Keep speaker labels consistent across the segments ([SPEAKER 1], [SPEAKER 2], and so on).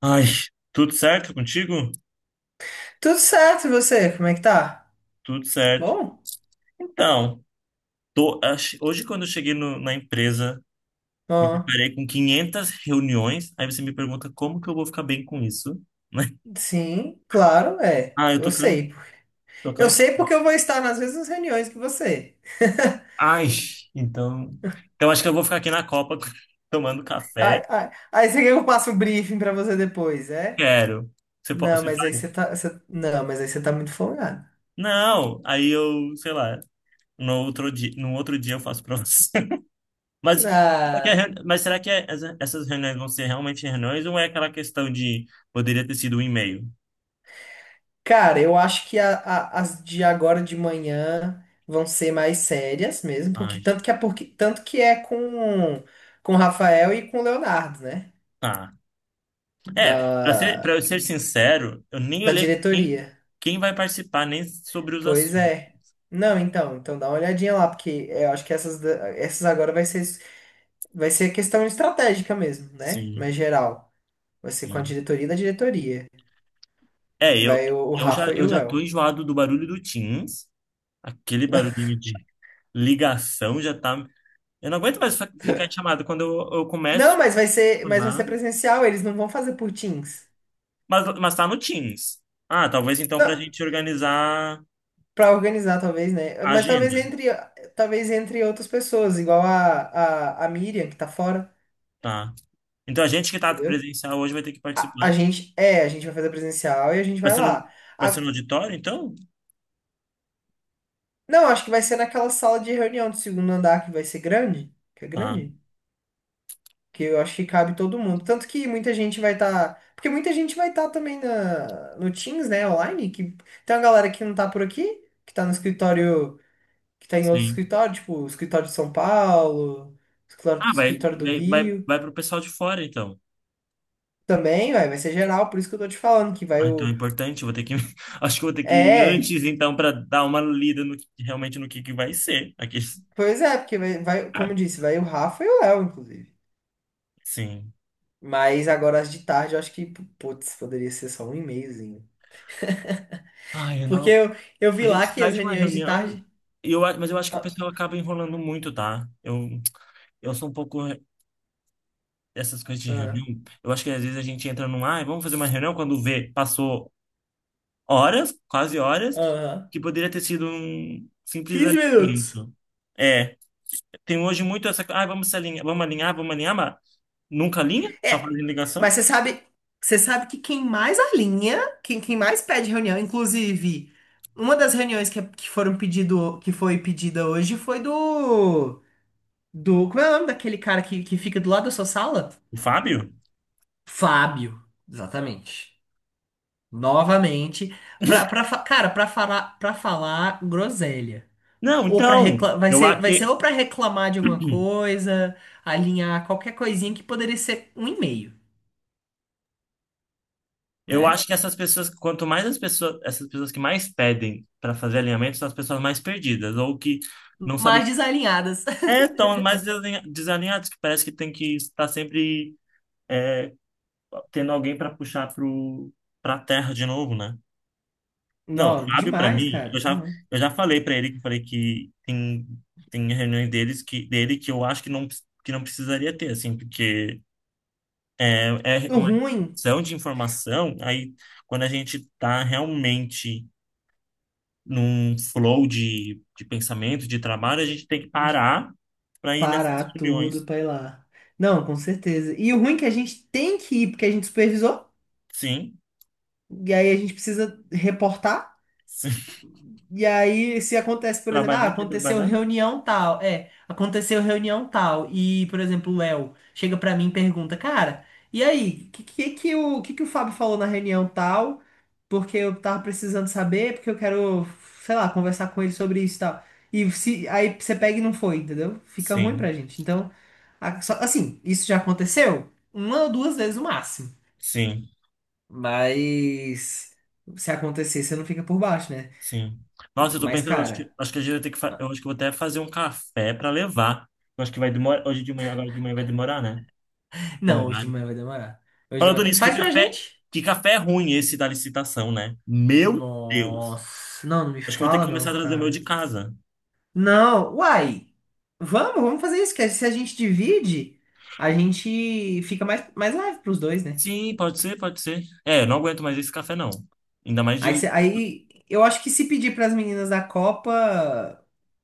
[SPEAKER 1] Ai, tudo certo contigo?
[SPEAKER 2] Tudo certo, e você? Como é que tá?
[SPEAKER 1] Tudo certo.
[SPEAKER 2] Bom?
[SPEAKER 1] Então, hoje quando eu cheguei na empresa, me
[SPEAKER 2] Ó,
[SPEAKER 1] deparei com 500 reuniões. Aí você me pergunta como que eu vou ficar bem com isso, né?
[SPEAKER 2] sim, claro, é.
[SPEAKER 1] Ah, eu
[SPEAKER 2] Eu
[SPEAKER 1] tô cansado.
[SPEAKER 2] sei.
[SPEAKER 1] Tô
[SPEAKER 2] Eu
[SPEAKER 1] cansa-
[SPEAKER 2] sei porque eu vou estar nas mesmas reuniões que você.
[SPEAKER 1] Ai, então, então acho que eu vou ficar aqui na Copa tomando
[SPEAKER 2] Ai,
[SPEAKER 1] café.
[SPEAKER 2] ai, aí você quer que eu passe um briefing pra você depois, é?
[SPEAKER 1] Quero. Você pode,
[SPEAKER 2] Não,
[SPEAKER 1] você
[SPEAKER 2] mas aí
[SPEAKER 1] faz?
[SPEAKER 2] você tá. você- Não, mas aí você tá muito folgado.
[SPEAKER 1] Não. Aí eu, sei lá, no outro dia eu faço pra você. Mas será que, é
[SPEAKER 2] Ah,
[SPEAKER 1] reuni- mas será que é- essa- essas reuniões vão ser realmente reuniões ou é aquela questão de poderia ter sido um e-mail?
[SPEAKER 2] cara, eu acho que as de agora de manhã vão ser mais sérias mesmo,
[SPEAKER 1] Ai,
[SPEAKER 2] tanto que é com o Rafael e com o Leonardo, né?
[SPEAKER 1] tá. É, para ser, para eu
[SPEAKER 2] Da,
[SPEAKER 1] ser sincero, eu nem
[SPEAKER 2] da
[SPEAKER 1] olhei
[SPEAKER 2] diretoria.
[SPEAKER 1] quem vai participar, nem sobre os
[SPEAKER 2] Pois
[SPEAKER 1] assuntos.
[SPEAKER 2] é. Não, então dá uma olhadinha lá, porque é, eu acho que essas agora vai ser questão estratégica mesmo, né?
[SPEAKER 1] Sim,
[SPEAKER 2] Mas geral. Vai ser com a
[SPEAKER 1] sim.
[SPEAKER 2] diretoria da diretoria.
[SPEAKER 1] É,
[SPEAKER 2] Que
[SPEAKER 1] eu,
[SPEAKER 2] vai o Rafa e
[SPEAKER 1] eu
[SPEAKER 2] o
[SPEAKER 1] já
[SPEAKER 2] Léo.
[SPEAKER 1] tô enjoado do barulho do Teams, aquele barulhinho de ligação já tá. Eu não aguento mais ficar em chamada quando eu começo
[SPEAKER 2] Não, mas vai ser,
[SPEAKER 1] a
[SPEAKER 2] mas vai ser
[SPEAKER 1] funcionar,
[SPEAKER 2] presencial, eles não vão fazer por Teams.
[SPEAKER 1] mas tá no Teams. Ah, talvez então pra
[SPEAKER 2] Não,
[SPEAKER 1] gente organizar.
[SPEAKER 2] pra organizar, talvez, né? Mas
[SPEAKER 1] Agenda,
[SPEAKER 2] talvez entre outras pessoas, igual a Miriam, que tá fora,
[SPEAKER 1] tá. Então a gente que tá
[SPEAKER 2] entendeu?
[SPEAKER 1] presencial hoje vai ter que participar.
[SPEAKER 2] A gente vai fazer presencial e a gente
[SPEAKER 1] Vai
[SPEAKER 2] vai
[SPEAKER 1] ser no,
[SPEAKER 2] lá.
[SPEAKER 1] vai ser no auditório, então?
[SPEAKER 2] Não, acho que vai ser naquela sala de reunião do segundo andar que vai ser grande, que é
[SPEAKER 1] Tá,
[SPEAKER 2] grande, que eu acho que cabe todo mundo. Tanto que muita gente vai estar, porque muita gente vai estar também na no Teams, né, online, que tem uma galera que não tá por aqui, que tá no escritório, que tá em outro
[SPEAKER 1] sim.
[SPEAKER 2] escritório, tipo, o escritório de São Paulo, escritório,
[SPEAKER 1] Ah,
[SPEAKER 2] escritório do Rio.
[SPEAKER 1] vai pro pessoal de fora, então.
[SPEAKER 2] Também, vai ser geral, por isso que eu tô te falando que vai
[SPEAKER 1] Ah, então é
[SPEAKER 2] o.
[SPEAKER 1] importante, eu vou ter que. Acho que eu vou ter que ir
[SPEAKER 2] É,
[SPEAKER 1] antes, então, para dar uma lida realmente no que vai ser aqui.
[SPEAKER 2] pois é, porque como eu disse, vai o Rafa e o Léo, inclusive.
[SPEAKER 1] Sim.
[SPEAKER 2] Mas agora as de tarde eu acho que, putz, poderia ser só um e-mailzinho.
[SPEAKER 1] Ai, eu
[SPEAKER 2] Porque
[SPEAKER 1] não...
[SPEAKER 2] eu
[SPEAKER 1] A
[SPEAKER 2] vi
[SPEAKER 1] gente
[SPEAKER 2] lá que
[SPEAKER 1] sai
[SPEAKER 2] as
[SPEAKER 1] de uma
[SPEAKER 2] reuniões de
[SPEAKER 1] reunião,
[SPEAKER 2] tarde.
[SPEAKER 1] e mas eu acho que o
[SPEAKER 2] Ah,
[SPEAKER 1] pessoal acaba enrolando muito, tá? Eu sou um pouco dessas coisas de
[SPEAKER 2] ah,
[SPEAKER 1] reunião. Eu acho que às vezes a gente entra num, ai, vamos fazer uma reunião quando vê, passou horas, quase horas,
[SPEAKER 2] ah,
[SPEAKER 1] que poderia ter sido um simples
[SPEAKER 2] 15 minutos.
[SPEAKER 1] alinhamento. É, tem hoje muito essa. Ah, vamos se alinhar, vamos alinhar, vamos alinhar, mas nunca alinha? Só
[SPEAKER 2] É,
[SPEAKER 1] fazendo
[SPEAKER 2] mas
[SPEAKER 1] ligação?
[SPEAKER 2] você sabe que quem mais alinha, quem mais pede reunião, inclusive, uma das reuniões que, é, que foram pedido, que foi pedida hoje foi do, como é o nome daquele cara que fica do lado da sua sala?
[SPEAKER 1] O Fábio?
[SPEAKER 2] Fábio, exatamente. Novamente, cara, pra falar groselha.
[SPEAKER 1] Não,
[SPEAKER 2] Ou pra
[SPEAKER 1] então,
[SPEAKER 2] reclamar, vai
[SPEAKER 1] eu
[SPEAKER 2] ser,
[SPEAKER 1] acho
[SPEAKER 2] vai ser
[SPEAKER 1] que,
[SPEAKER 2] ou pra reclamar de alguma coisa, alinhar qualquer coisinha que poderia ser um e-mail,
[SPEAKER 1] eu acho
[SPEAKER 2] né?
[SPEAKER 1] que essas pessoas, quanto mais as pessoas, essas pessoas que mais pedem para fazer alinhamento são as pessoas mais perdidas, ou que não sabem.
[SPEAKER 2] Mas desalinhadas.
[SPEAKER 1] É, estão mais desalinhadas, que parece que tem que estar sempre tendo alguém para puxar pro, pra terra de novo, né? Não, o
[SPEAKER 2] Não,
[SPEAKER 1] Fábio, para
[SPEAKER 2] demais,
[SPEAKER 1] mim,
[SPEAKER 2] cara, demais.
[SPEAKER 1] eu já falei para ele que falei que tem reuniões dele que eu acho que não precisaria ter, assim, porque é
[SPEAKER 2] O
[SPEAKER 1] uma
[SPEAKER 2] ruim,
[SPEAKER 1] questão de informação, aí quando a gente tá realmente num flow de pensamento, de trabalho, a gente tem que parar para ir nessas
[SPEAKER 2] parar tudo
[SPEAKER 1] reuniões.
[SPEAKER 2] pra ir lá. Não, com certeza. E o ruim é que a gente tem que ir, porque a gente supervisou,
[SPEAKER 1] Sim,
[SPEAKER 2] e aí a gente precisa reportar.
[SPEAKER 1] sim.
[SPEAKER 2] E aí, se acontece, por exemplo, ah,
[SPEAKER 1] Trabalhar, quer
[SPEAKER 2] aconteceu
[SPEAKER 1] trabalhar?
[SPEAKER 2] reunião tal, é, aconteceu reunião tal, e, por exemplo, o Léo chega pra mim e pergunta, cara, e aí, que o Fábio falou na reunião tal? Porque eu tava precisando saber, porque eu quero, sei lá, conversar com ele sobre isso e tal. E se, aí você pega e não foi, entendeu? Fica ruim
[SPEAKER 1] Sim,
[SPEAKER 2] pra gente. Então, assim, isso já aconteceu uma ou duas vezes no máximo.
[SPEAKER 1] sim.
[SPEAKER 2] Mas se acontecer, você não fica por baixo, né?
[SPEAKER 1] Sim. Nossa, eu tô
[SPEAKER 2] Mas,
[SPEAKER 1] pensando,
[SPEAKER 2] cara.
[SPEAKER 1] acho que a gente vai ter que, eu acho que eu vou até fazer um café pra levar. Eu acho que vai demorar, hoje de manhã, agora de manhã vai demorar, né? Então,
[SPEAKER 2] Não, hoje de
[SPEAKER 1] vale.
[SPEAKER 2] manhã vai demorar. Hoje de
[SPEAKER 1] Falando
[SPEAKER 2] manhã.
[SPEAKER 1] nisso,
[SPEAKER 2] Faz pra gente?
[SPEAKER 1] que café ruim esse da licitação, né? Meu Deus.
[SPEAKER 2] Nossa, não, não me
[SPEAKER 1] Acho que eu vou ter que
[SPEAKER 2] fala
[SPEAKER 1] começar
[SPEAKER 2] não,
[SPEAKER 1] a trazer o meu de
[SPEAKER 2] cara.
[SPEAKER 1] casa.
[SPEAKER 2] Não, uai. Vamos fazer isso, que se a gente divide, a gente fica mais leve pros dois, né?
[SPEAKER 1] Sim, pode ser, pode ser. É, eu não aguento mais esse café, não. Ainda mais
[SPEAKER 2] Aí,
[SPEAKER 1] de...
[SPEAKER 2] cê- aí eu acho que se pedir pras meninas da Copa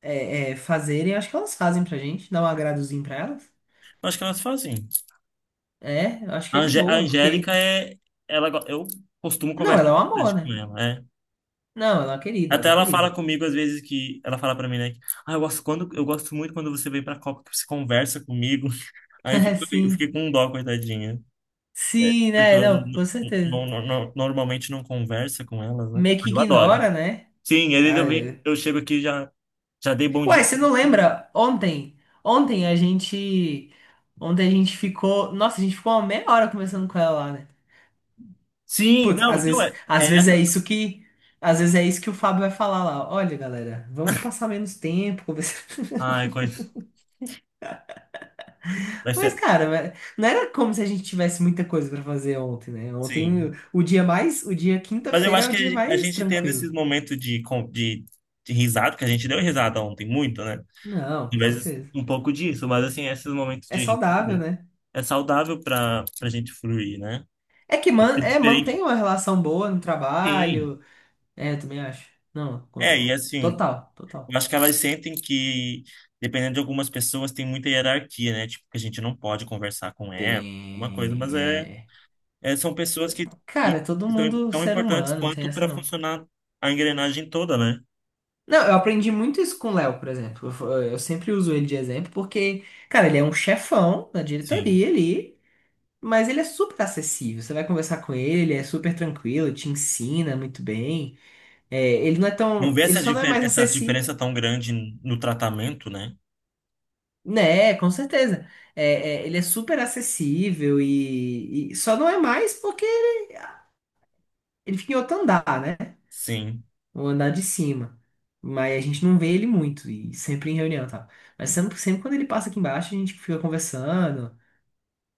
[SPEAKER 2] fazerem, acho que elas fazem pra gente, dá um agradozinho pra elas.
[SPEAKER 1] Acho que elas fazem.
[SPEAKER 2] É, eu acho
[SPEAKER 1] A
[SPEAKER 2] que é de
[SPEAKER 1] Angé- a
[SPEAKER 2] boa,
[SPEAKER 1] Angélica
[SPEAKER 2] porque.
[SPEAKER 1] é... eu costumo
[SPEAKER 2] Não,
[SPEAKER 1] conversar
[SPEAKER 2] ela é um amor,
[SPEAKER 1] bastante com
[SPEAKER 2] né?
[SPEAKER 1] ela, é.
[SPEAKER 2] Não, ela é uma querida, ela
[SPEAKER 1] Até
[SPEAKER 2] é uma
[SPEAKER 1] ela fala
[SPEAKER 2] querida.
[SPEAKER 1] comigo às vezes que ela fala pra mim, né? que, Ah, eu gosto muito quando você vem pra Copa, que você conversa comigo.
[SPEAKER 2] É,
[SPEAKER 1] Eu
[SPEAKER 2] sim.
[SPEAKER 1] fiquei com dó, coitadinha.
[SPEAKER 2] Sim,
[SPEAKER 1] Porque
[SPEAKER 2] né?
[SPEAKER 1] eu
[SPEAKER 2] Não, com certeza.
[SPEAKER 1] normalmente não conversa com elas, né?
[SPEAKER 2] Meio que
[SPEAKER 1] Eu adoro.
[SPEAKER 2] ignora, né?
[SPEAKER 1] Sim, às vezes
[SPEAKER 2] Ah,
[SPEAKER 1] eu venho,
[SPEAKER 2] é.
[SPEAKER 1] eu chego aqui e já dei bom
[SPEAKER 2] Ué,
[SPEAKER 1] dia.
[SPEAKER 2] você não lembra? Ontem a gente, ontem, nossa, a gente ficou uma meia hora conversando com ela lá, né?
[SPEAKER 1] Sim,
[SPEAKER 2] Putz,
[SPEAKER 1] não, então é,
[SPEAKER 2] às
[SPEAKER 1] é
[SPEAKER 2] vezes é
[SPEAKER 1] essa.
[SPEAKER 2] isso que, às vezes é isso que o Fábio vai falar lá. Olha, galera, vamos passar menos tempo conversando.
[SPEAKER 1] Ai, coisa. Vai
[SPEAKER 2] Mas,
[SPEAKER 1] ser.
[SPEAKER 2] cara, mas não era como se a gente tivesse muita coisa pra fazer ontem, né?
[SPEAKER 1] Sim.
[SPEAKER 2] Ontem, o dia
[SPEAKER 1] Mas eu
[SPEAKER 2] quinta-feira é
[SPEAKER 1] acho
[SPEAKER 2] o dia
[SPEAKER 1] que a
[SPEAKER 2] mais
[SPEAKER 1] gente tendo
[SPEAKER 2] tranquilo.
[SPEAKER 1] esses momentos de risada, que a gente deu risada ontem muito, né?
[SPEAKER 2] Não, com
[SPEAKER 1] Mas
[SPEAKER 2] certeza.
[SPEAKER 1] um pouco disso, mas assim, esses momentos
[SPEAKER 2] É
[SPEAKER 1] de
[SPEAKER 2] saudável,
[SPEAKER 1] risada
[SPEAKER 2] né?
[SPEAKER 1] é saudável para pra gente fruir, né?
[SPEAKER 2] É que
[SPEAKER 1] É diferente
[SPEAKER 2] mantém
[SPEAKER 1] de
[SPEAKER 2] uma relação boa no
[SPEAKER 1] quem.
[SPEAKER 2] trabalho. É, eu também acho. Não,
[SPEAKER 1] É, e assim,
[SPEAKER 2] total,
[SPEAKER 1] eu
[SPEAKER 2] total.
[SPEAKER 1] acho que elas sentem que, dependendo de algumas pessoas, tem muita hierarquia, né? Tipo, que a gente não pode conversar com ela, alguma coisa, mas
[SPEAKER 2] Tem.
[SPEAKER 1] é,
[SPEAKER 2] É...
[SPEAKER 1] é são pessoas
[SPEAKER 2] Cara,
[SPEAKER 1] que
[SPEAKER 2] é todo
[SPEAKER 1] são
[SPEAKER 2] mundo
[SPEAKER 1] tão
[SPEAKER 2] ser
[SPEAKER 1] importantes
[SPEAKER 2] humano, não tem
[SPEAKER 1] quanto
[SPEAKER 2] essa
[SPEAKER 1] para
[SPEAKER 2] não.
[SPEAKER 1] funcionar a engrenagem toda, né?
[SPEAKER 2] Não, eu aprendi muito isso com o Léo, por exemplo. Eu sempre uso ele de exemplo porque, cara, ele é um chefão da
[SPEAKER 1] Sim.
[SPEAKER 2] diretoria ali, mas ele é super acessível. Você vai conversar com ele, ele é super tranquilo, te ensina muito bem. É, ele não é
[SPEAKER 1] Não
[SPEAKER 2] tão.
[SPEAKER 1] vê
[SPEAKER 2] Ele
[SPEAKER 1] essa,
[SPEAKER 2] só não é
[SPEAKER 1] difer
[SPEAKER 2] mais
[SPEAKER 1] essa
[SPEAKER 2] acessível.
[SPEAKER 1] diferença tão grande no tratamento, né?
[SPEAKER 2] Né, com certeza. É, ele é super acessível e só não é mais porque ele fica em outro andar, né?
[SPEAKER 1] Sim,
[SPEAKER 2] O andar de cima. Mas a gente não vê ele muito e sempre em reunião, e tal. Mas sempre quando ele passa aqui embaixo, a gente fica conversando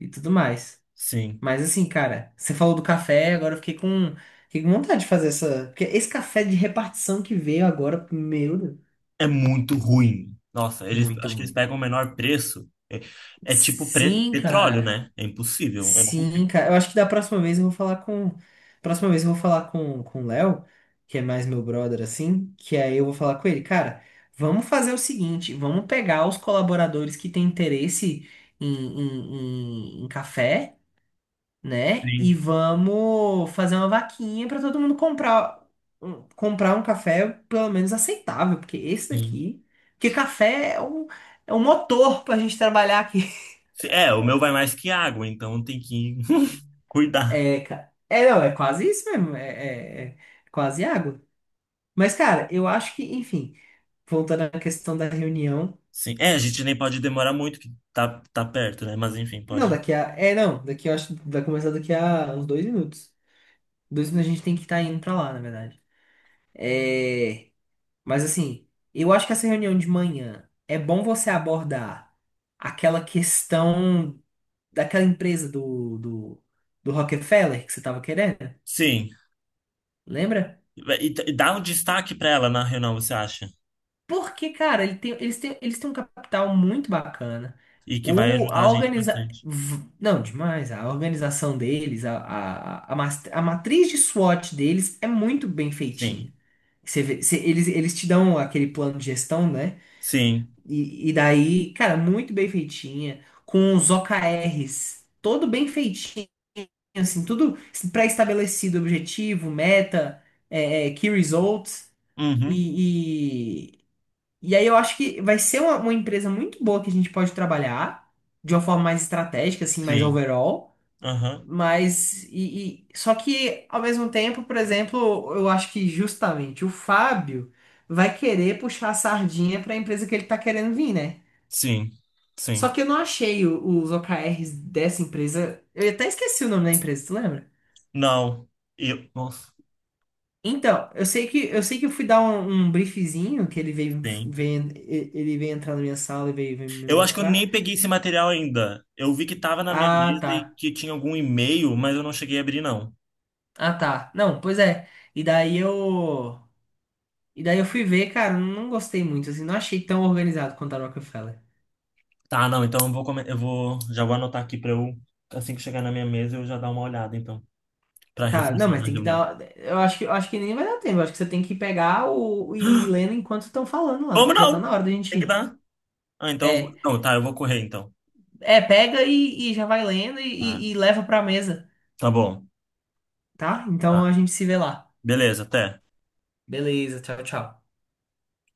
[SPEAKER 2] e tudo mais.
[SPEAKER 1] sim.
[SPEAKER 2] Mas assim, cara, você falou do café, agora eu fiquei com vontade de fazer essa. Porque esse café de repartição que veio agora, meu Deus,
[SPEAKER 1] é muito ruim. Nossa, eles,
[SPEAKER 2] muito
[SPEAKER 1] acho que eles
[SPEAKER 2] ruim.
[SPEAKER 1] pegam o menor preço. É, é tipo
[SPEAKER 2] Sim,
[SPEAKER 1] petróleo,
[SPEAKER 2] cara.
[SPEAKER 1] né? É impossível. Eu não
[SPEAKER 2] Sim,
[SPEAKER 1] consigo.
[SPEAKER 2] cara. Eu acho que da próxima vez eu vou falar com. Próxima vez eu vou falar com o Léo, que é mais meu brother, assim. Que aí eu vou falar com ele, cara, vamos fazer o seguinte: vamos pegar os colaboradores que têm interesse em café, né? E
[SPEAKER 1] Sim,
[SPEAKER 2] vamos fazer uma vaquinha para todo mundo comprar, comprar um café pelo menos aceitável, porque esse
[SPEAKER 1] sim.
[SPEAKER 2] daqui. Porque café é um motor pra gente trabalhar aqui.
[SPEAKER 1] Se- É, o meu vai mais que água, então tem que cuidar.
[SPEAKER 2] É, é, não, é quase isso mesmo. É quase água. Mas, cara, eu acho que, enfim, voltando à questão da reunião.
[SPEAKER 1] Sim. É, a gente nem pode demorar muito, que tá perto, né? Mas enfim,
[SPEAKER 2] Não,
[SPEAKER 1] pode.
[SPEAKER 2] não, daqui eu acho que vai começar daqui a uns 2 minutos. 2 minutos a gente tem que estar indo pra lá, na verdade. É, mas, assim, eu acho que essa reunião de manhã é bom você abordar aquela questão daquela empresa do Rockefeller que você tava querendo.
[SPEAKER 1] Sim.
[SPEAKER 2] Lembra?
[SPEAKER 1] E dá um destaque pra ela na reunião, você acha?
[SPEAKER 2] Porque, cara, eles têm um capital muito bacana.
[SPEAKER 1] E que vai
[SPEAKER 2] O,
[SPEAKER 1] ajudar
[SPEAKER 2] a
[SPEAKER 1] a gente
[SPEAKER 2] organiza...
[SPEAKER 1] bastante.
[SPEAKER 2] v- Não, demais. A organização deles, a matriz de SWOT deles é muito bem
[SPEAKER 1] Sim.
[SPEAKER 2] feitinha. Você vê- você- eles te dão aquele plano de gestão, né?
[SPEAKER 1] Sim.
[SPEAKER 2] E daí, cara, muito bem feitinha. Com os OKRs, todo bem feitinho, assim, tudo pré-estabelecido, objetivo, meta, key results.
[SPEAKER 1] Uhum.
[SPEAKER 2] e e aí eu acho que vai ser uma empresa muito boa que a gente pode trabalhar de uma forma mais estratégica, assim, mais
[SPEAKER 1] Sim.
[SPEAKER 2] overall.
[SPEAKER 1] Aham.
[SPEAKER 2] Só que ao mesmo tempo, por exemplo, eu acho que justamente o Fábio vai querer puxar a sardinha para a empresa que ele tá querendo vir, né?
[SPEAKER 1] Sim. Sim.
[SPEAKER 2] Só que eu não achei os OKRs dessa empresa. Eu até esqueci o nome da empresa, tu lembra?
[SPEAKER 1] Não. Eu. Nossa.
[SPEAKER 2] Então, eu sei que eu fui dar um briefzinho que ele veio,
[SPEAKER 1] Sim.
[SPEAKER 2] veio ele veio entrar na minha sala e veio me
[SPEAKER 1] Eu acho que eu
[SPEAKER 2] mostrar.
[SPEAKER 1] nem peguei esse material ainda. Eu vi que tava na minha
[SPEAKER 2] Ah,
[SPEAKER 1] mesa e
[SPEAKER 2] tá.
[SPEAKER 1] que tinha algum e-mail, mas eu não cheguei a abrir, não.
[SPEAKER 2] Ah, tá. Não, pois é. E daí eu. E daí eu fui ver, cara, não gostei muito, assim, não achei tão organizado quanto a Rockefeller.
[SPEAKER 1] Tá, não, então eu vou, já vou anotar aqui pra eu, assim que chegar na minha mesa, eu já dar uma olhada, então, pra
[SPEAKER 2] Tá, não,
[SPEAKER 1] reforçar
[SPEAKER 2] mas
[SPEAKER 1] na
[SPEAKER 2] tem que
[SPEAKER 1] reunião.
[SPEAKER 2] dar. Eu acho que nem vai dar tempo. Eu acho que você tem que pegar o, e ir lendo enquanto estão falando lá,
[SPEAKER 1] Como
[SPEAKER 2] que já tá
[SPEAKER 1] não?
[SPEAKER 2] na hora da gente
[SPEAKER 1] Tem que
[SPEAKER 2] ir.
[SPEAKER 1] dar. Ah, então, eu vou-
[SPEAKER 2] É.
[SPEAKER 1] não, tá, eu vou correr, então.
[SPEAKER 2] É, pega e já vai lendo e,
[SPEAKER 1] Tá,
[SPEAKER 2] e e leva pra mesa,
[SPEAKER 1] tá bom.
[SPEAKER 2] tá? Então
[SPEAKER 1] Tá.
[SPEAKER 2] a gente se vê lá.
[SPEAKER 1] Beleza, até.
[SPEAKER 2] Beleza, tchau, tchau.